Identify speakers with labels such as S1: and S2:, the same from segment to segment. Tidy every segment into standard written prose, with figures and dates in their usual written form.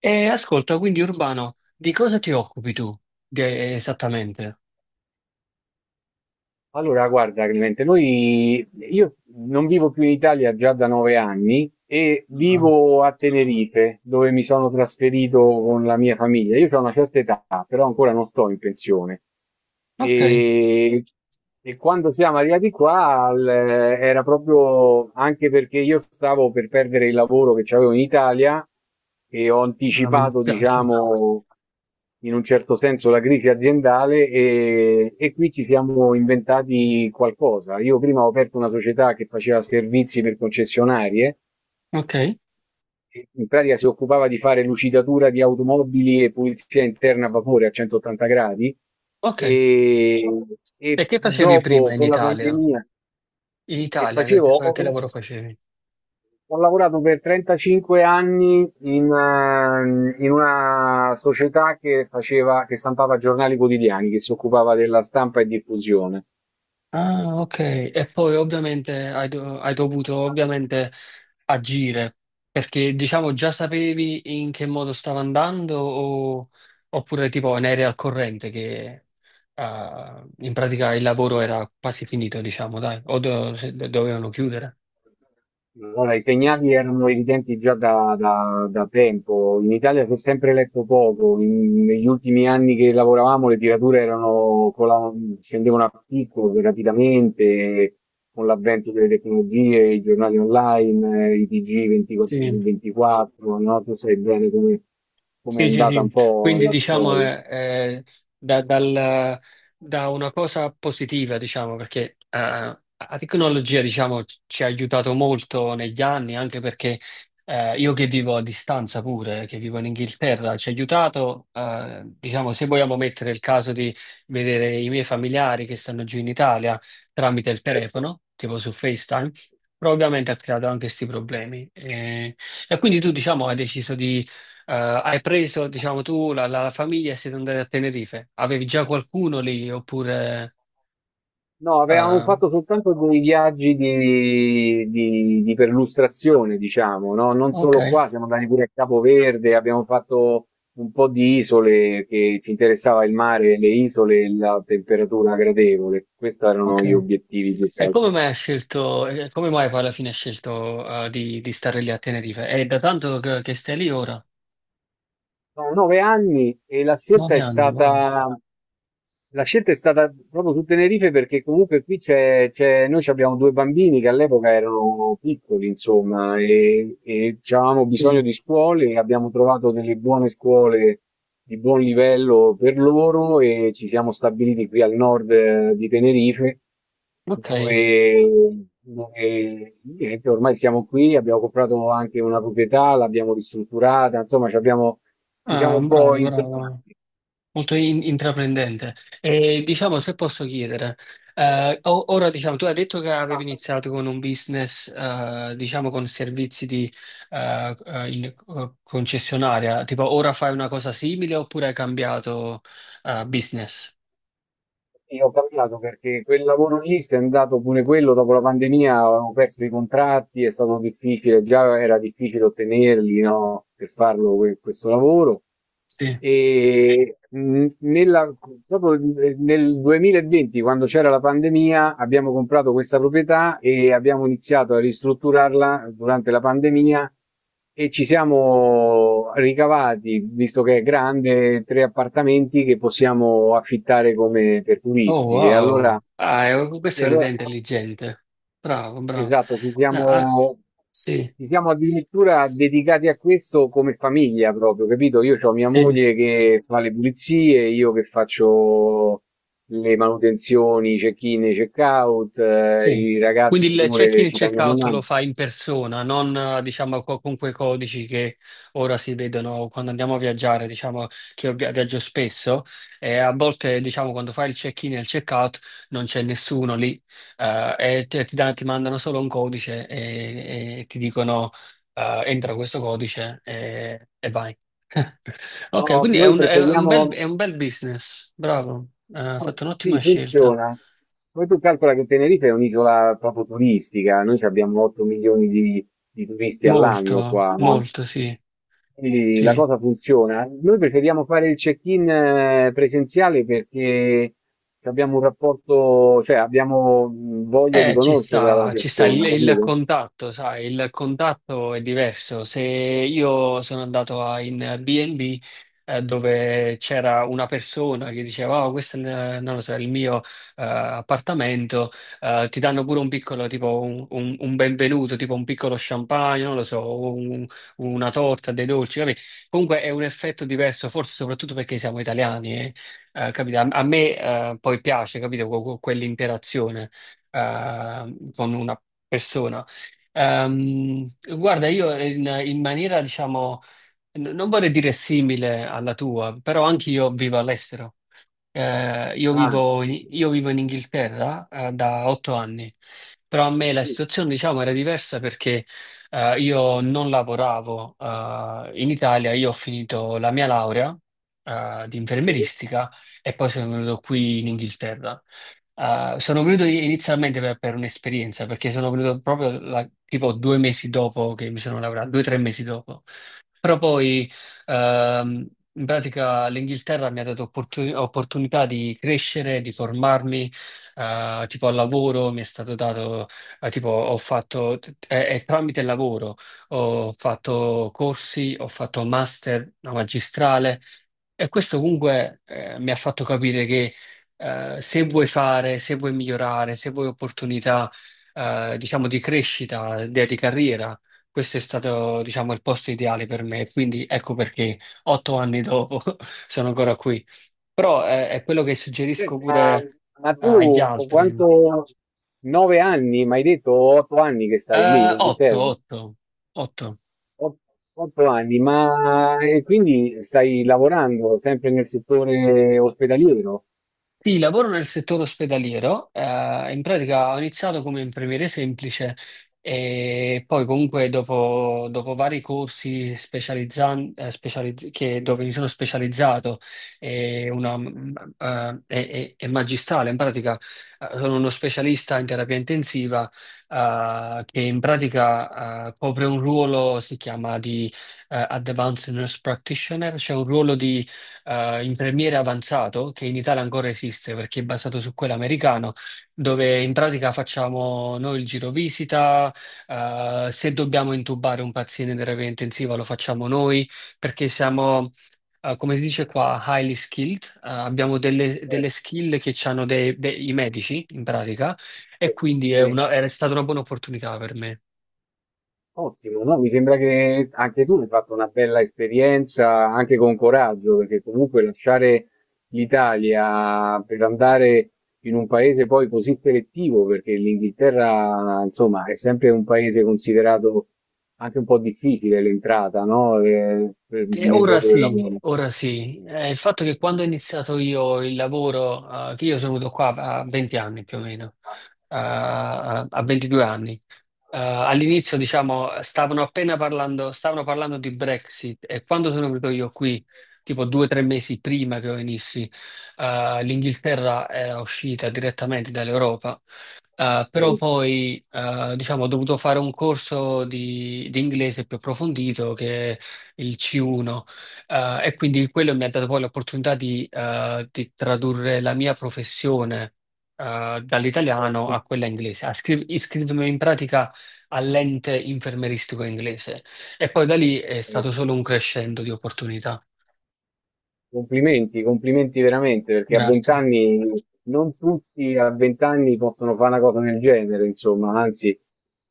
S1: E ascolta, quindi Urbano, di cosa ti occupi tu esattamente?
S2: Allora, guarda Clemente, noi, io non vivo più in Italia già da 9 anni e
S1: Ah,
S2: vivo a Tenerife, dove mi sono trasferito con la mia famiglia. Io ho una certa età, però ancora non sto in pensione.
S1: ok.
S2: E, e quando siamo arrivati qua, era proprio anche perché io stavo per perdere il lavoro che avevo in Italia e ho
S1: Ah, mi
S2: anticipato,
S1: dispiace.
S2: diciamo, in un certo senso la crisi aziendale e qui ci siamo inventati qualcosa. Io prima ho aperto una società che faceva servizi per concessionarie,
S1: Ok,
S2: e in pratica si occupava di fare lucidatura di automobili e pulizia interna a vapore a 180 gradi
S1: ok.
S2: e,
S1: E
S2: e
S1: che facevi prima
S2: dopo
S1: in
S2: con la
S1: Italia?
S2: pandemia,
S1: In
S2: che
S1: Italia, che,
S2: facevo
S1: che- che
S2: ho,
S1: lavoro facevi?
S2: ho lavorato per 35 anni in, in una società che faceva, che stampava giornali quotidiani, che si occupava della stampa e diffusione.
S1: Ah, ok. E poi ovviamente hai dovuto ovviamente agire, perché diciamo già sapevi in che modo stava andando oppure tipo ne eri al corrente che in pratica il lavoro era quasi finito, diciamo, dai, o do- se- dovevano chiudere.
S2: Allora, i segnali erano evidenti già da tempo. In Italia si è sempre letto poco. Negli ultimi anni che lavoravamo, le tirature erano scendevano a picco rapidamente con l'avvento delle tecnologie, i giornali online, i TG 24 su
S1: Sì.
S2: 24. No? Tu sai bene come è
S1: Sì, sì,
S2: andata
S1: sì,
S2: un po'
S1: quindi
S2: la
S1: diciamo
S2: storia.
S1: è da, dal- da una cosa positiva, diciamo, perché la tecnologia, diciamo, ci ha aiutato molto negli anni, anche perché io che vivo a distanza pure, che vivo in Inghilterra, ci ha aiutato, diciamo, se vogliamo mettere il caso di vedere i miei familiari che stanno giù in Italia tramite il
S2: Certo.
S1: telefono, tipo su FaceTime, però ovviamente ha creato anche questi problemi. E quindi tu, diciamo, hai deciso hai preso, diciamo, tu la famiglia e siete andati a Tenerife. Avevi già qualcuno lì oppure?
S2: No, avevamo
S1: eh,
S2: fatto soltanto dei viaggi di perlustrazione, diciamo, no? Non
S1: ok,
S2: solo qua, siamo andati pure a Capoverde, abbiamo fatto un po' di isole che ci interessava il mare, le isole e la temperatura gradevole. Questi erano gli
S1: ok.
S2: obiettivi più che
S1: E come
S2: altro.
S1: mai hai scelto, e come mai poi alla fine hai scelto di stare lì a Tenerife? È da tanto che stai lì ora?
S2: Sono 9 anni e
S1: Nove anni, wow.
S2: la scelta è stata proprio su Tenerife perché comunque qui noi ci abbiamo due bambini che all'epoca erano piccoli, insomma, e avevamo
S1: Sì.
S2: bisogno di scuole e abbiamo trovato delle buone scuole di buon livello per loro e ci siamo stabiliti qui al nord, di Tenerife
S1: Ok.
S2: dove, dove niente, ormai siamo qui, abbiamo comprato anche una proprietà, l'abbiamo ristrutturata, insomma, ci abbiamo, diciamo,
S1: Ah,
S2: un po'
S1: bravo, bravo.
S2: internati.
S1: Molto intraprendente. E diciamo, se posso chiedere, ora diciamo, tu hai detto che avevi iniziato con un business, diciamo, con servizi di concessionaria, tipo ora fai una cosa simile oppure hai cambiato business?
S2: Sì, ho cambiato perché quel lavoro lì si è andato pure quello dopo la pandemia, avevamo perso i contratti, è stato difficile, già era difficile ottenerli, no, per farlo questo lavoro.
S1: Sì.
S2: E mh, nella- Proprio nel 2020, quando c'era la pandemia, abbiamo comprato questa proprietà e abbiamo iniziato a ristrutturarla durante la pandemia. E ci siamo ricavati, visto che è grande, tre appartamenti che possiamo affittare come per
S1: Oh,
S2: turisti.
S1: wow. Ah, questa
S2: E
S1: è un'idea
S2: allora-
S1: intelligente. Bravo, bravo.
S2: esatto, ci
S1: Ah, ah,
S2: siamo,
S1: sì.
S2: ci siamo addirittura dedicati a questo come famiglia proprio, capito? Io ho mia
S1: Sì.
S2: moglie che fa le pulizie, io che faccio le manutenzioni, i check-in, e i check-out,
S1: Sì.
S2: i
S1: Quindi
S2: ragazzi
S1: il check-in
S2: pure
S1: e
S2: ci danno una
S1: check-out lo
S2: mano.
S1: fa in persona, non diciamo con quei codici che ora si vedono quando andiamo a viaggiare, diciamo che io viaggio spesso e a volte diciamo quando fai il check-in e il check-out non c'è nessuno lì e ti mandano solo un codice e ti dicono entra questo codice e vai.
S2: No,
S1: Ok, quindi
S2: noi preferiamo.
S1: è un bel business, bravo. Hai fatto un'ottima
S2: Sì,
S1: scelta.
S2: funziona. Poi tu calcola che Tenerife è un'isola proprio turistica, noi ci abbiamo 8 milioni di turisti all'anno
S1: Molto,
S2: qua, no?
S1: molto, sì,
S2: Quindi la
S1: sì.
S2: cosa funziona. Noi preferiamo fare il check-in presenziale perché abbiamo un rapporto, cioè abbiamo voglia di
S1: Ci
S2: conoscerla la
S1: sta, ci sta il,
S2: persona,
S1: il
S2: capito?
S1: contatto, sai, il contatto è diverso. Se io sono andato in B&B dove c'era una persona che diceva, oh, questo è, non lo so, il mio appartamento, ti danno pure un piccolo, tipo un benvenuto, tipo un piccolo champagne, non lo so, una torta, dei dolci, capì? Comunque è un effetto diverso, forse soprattutto perché siamo italiani, capito? A me poi piace, capito, quell'interazione con una persona. Ehm, guarda, io in maniera, diciamo, non vorrei dire simile alla tua, però anche io vivo all'estero. Io
S2: Ah,
S1: vivo in Inghilterra, da 8 anni, però a me la
S2: sì,
S1: situazione, diciamo, era diversa perché, io non lavoravo, in Italia, io ho finito la mia laurea, di
S2: sì.
S1: infermieristica e poi sono venuto qui in Inghilterra. Sono venuto inizialmente per un'esperienza, perché sono venuto proprio tipo 2 mesi dopo che mi sono laureato, 2 o 3 mesi dopo. Però poi. Ehm, in pratica l'Inghilterra mi ha dato opportunità di crescere, di formarmi, tipo al lavoro mi è stato dato, tipo ho fatto, è tramite il lavoro, ho fatto corsi, ho fatto master, una magistrale, e questo comunque mi ha fatto capire che se vuoi fare, se vuoi migliorare, se vuoi opportunità, diciamo, di crescita, di carriera, questo è stato, diciamo, il posto ideale per me. Quindi ecco perché 8 anni dopo sono ancora qui. Però è quello che suggerisco
S2: Senti,
S1: pure
S2: ma
S1: agli
S2: tu
S1: altri.
S2: quanto, 9 anni, mi hai detto 8 anni che stai lì in
S1: Otto,
S2: Inghilterra?
S1: otto, otto.
S2: Ot- Otto anni, ma e quindi stai lavorando sempre nel settore ospedaliero?
S1: Sì, lavoro nel settore ospedaliero, in pratica ho iniziato come infermiere semplice e poi comunque dopo vari corsi dove mi sono specializzato e, una, mm, e magistrale, in pratica sono uno specialista in terapia intensiva che in pratica copre un ruolo, si chiama di Advanced Nurse Practitioner, cioè un ruolo di infermiere avanzato che in Italia ancora esiste perché è basato su quello americano, dove in pratica facciamo noi il giro visita, se dobbiamo intubare un paziente in terapia intensiva lo facciamo noi perché siamo, come si dice qua, highly skilled, abbiamo delle
S2: Certo,
S1: skill che hanno i medici in pratica e
S2: certo.
S1: quindi è
S2: Sì.
S1: è stata una buona opportunità per me.
S2: Ottimo, no? Mi sembra che anche tu hai fatto una bella esperienza, anche con coraggio, perché comunque lasciare l'Italia per andare in un paese poi così selettivo, perché l'Inghilterra, insomma, è sempre un paese considerato anche un po' difficile l'entrata, no?
S1: Eh,
S2: Nel
S1: ora
S2: mondo del
S1: sì,
S2: lavoro.
S1: ora sì. Il fatto che quando ho iniziato io il lavoro, che io sono venuto qua a 20 anni più o meno, a 22 anni, all'inizio, diciamo, stavano appena parlando, stavano parlando di Brexit e quando sono venuto io qui, tipo 2 o 3 mesi prima che io venissi, l'Inghilterra era uscita direttamente dall'Europa. Però
S2: Vedi.
S1: poi, diciamo, ho dovuto fare un corso di inglese più approfondito che è il C1, e quindi quello mi ha dato poi l'opportunità di tradurre la mia professione, dall'italiano a quella inglese. Iscritto in pratica all'ente infermeristico inglese e poi da lì è
S2: Eh,
S1: stato solo un crescendo di opportunità.
S2: Complimenti, complimenti veramente, perché a
S1: Grazie.
S2: vent'anni non tutti a vent'anni possono fare una cosa del genere, insomma, anzi,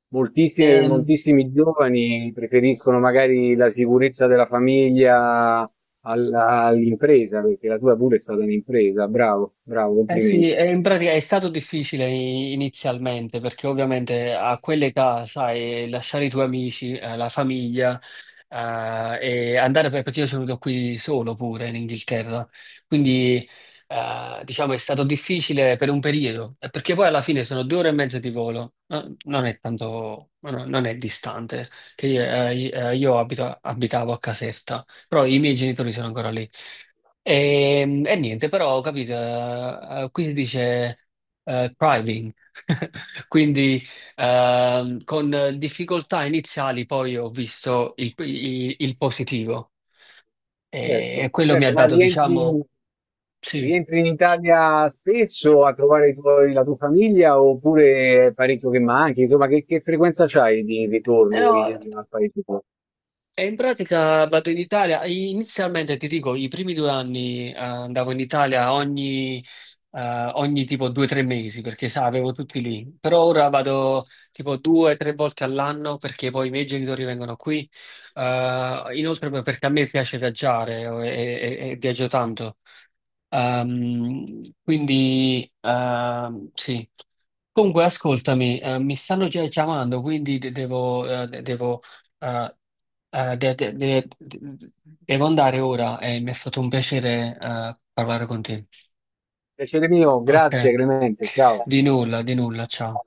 S1: Ehm,
S2: moltissimi giovani preferiscono magari la sicurezza della famiglia all'impresa, perché la tua pure è stata un'impresa, bravo, bravo,
S1: Eh sì,
S2: complimenti.
S1: e in pratica è stato difficile inizialmente perché ovviamente a quell'età, sai, lasciare i tuoi amici, la famiglia, eh, e andare perché io sono venuto qui solo pure in Inghilterra, quindi diciamo è stato difficile per un periodo, perché poi alla fine sono 2 ore e mezzo di volo, non è tanto, non è distante, che io abitavo a Caserta, però i miei genitori sono ancora lì. E niente, però ho capito, qui si dice thriving, quindi con difficoltà iniziali poi ho visto il positivo e
S2: Certo,
S1: quello mi
S2: certo,
S1: ha
S2: ma
S1: dato,
S2: rientri,
S1: diciamo, sì.
S2: in Italia spesso a trovare la tua famiglia oppure è parecchio che manchi? Insomma, che frequenza c'hai di ritorno al paese tuo?
S1: E in pratica vado in Italia. Inizialmente ti dico, i primi 2 anni andavo in Italia ogni tipo 2 o 3 mesi perché sa, avevo tutti lì. Però ora vado tipo 2 o 3 volte all'anno perché poi i miei genitori vengono qui. Inoltre poi perché a me piace viaggiare e viaggio tanto. Ehm, quindi sì. Comunque, ascoltami, mi stanno già chiamando, quindi eh, eh, de- de- de- de- devo andare ora e mi è fatto un piacere, parlare con te.
S2: Piacere mio, grazie,
S1: Ok,
S2: Clemente, ciao.
S1: di nulla, ciao.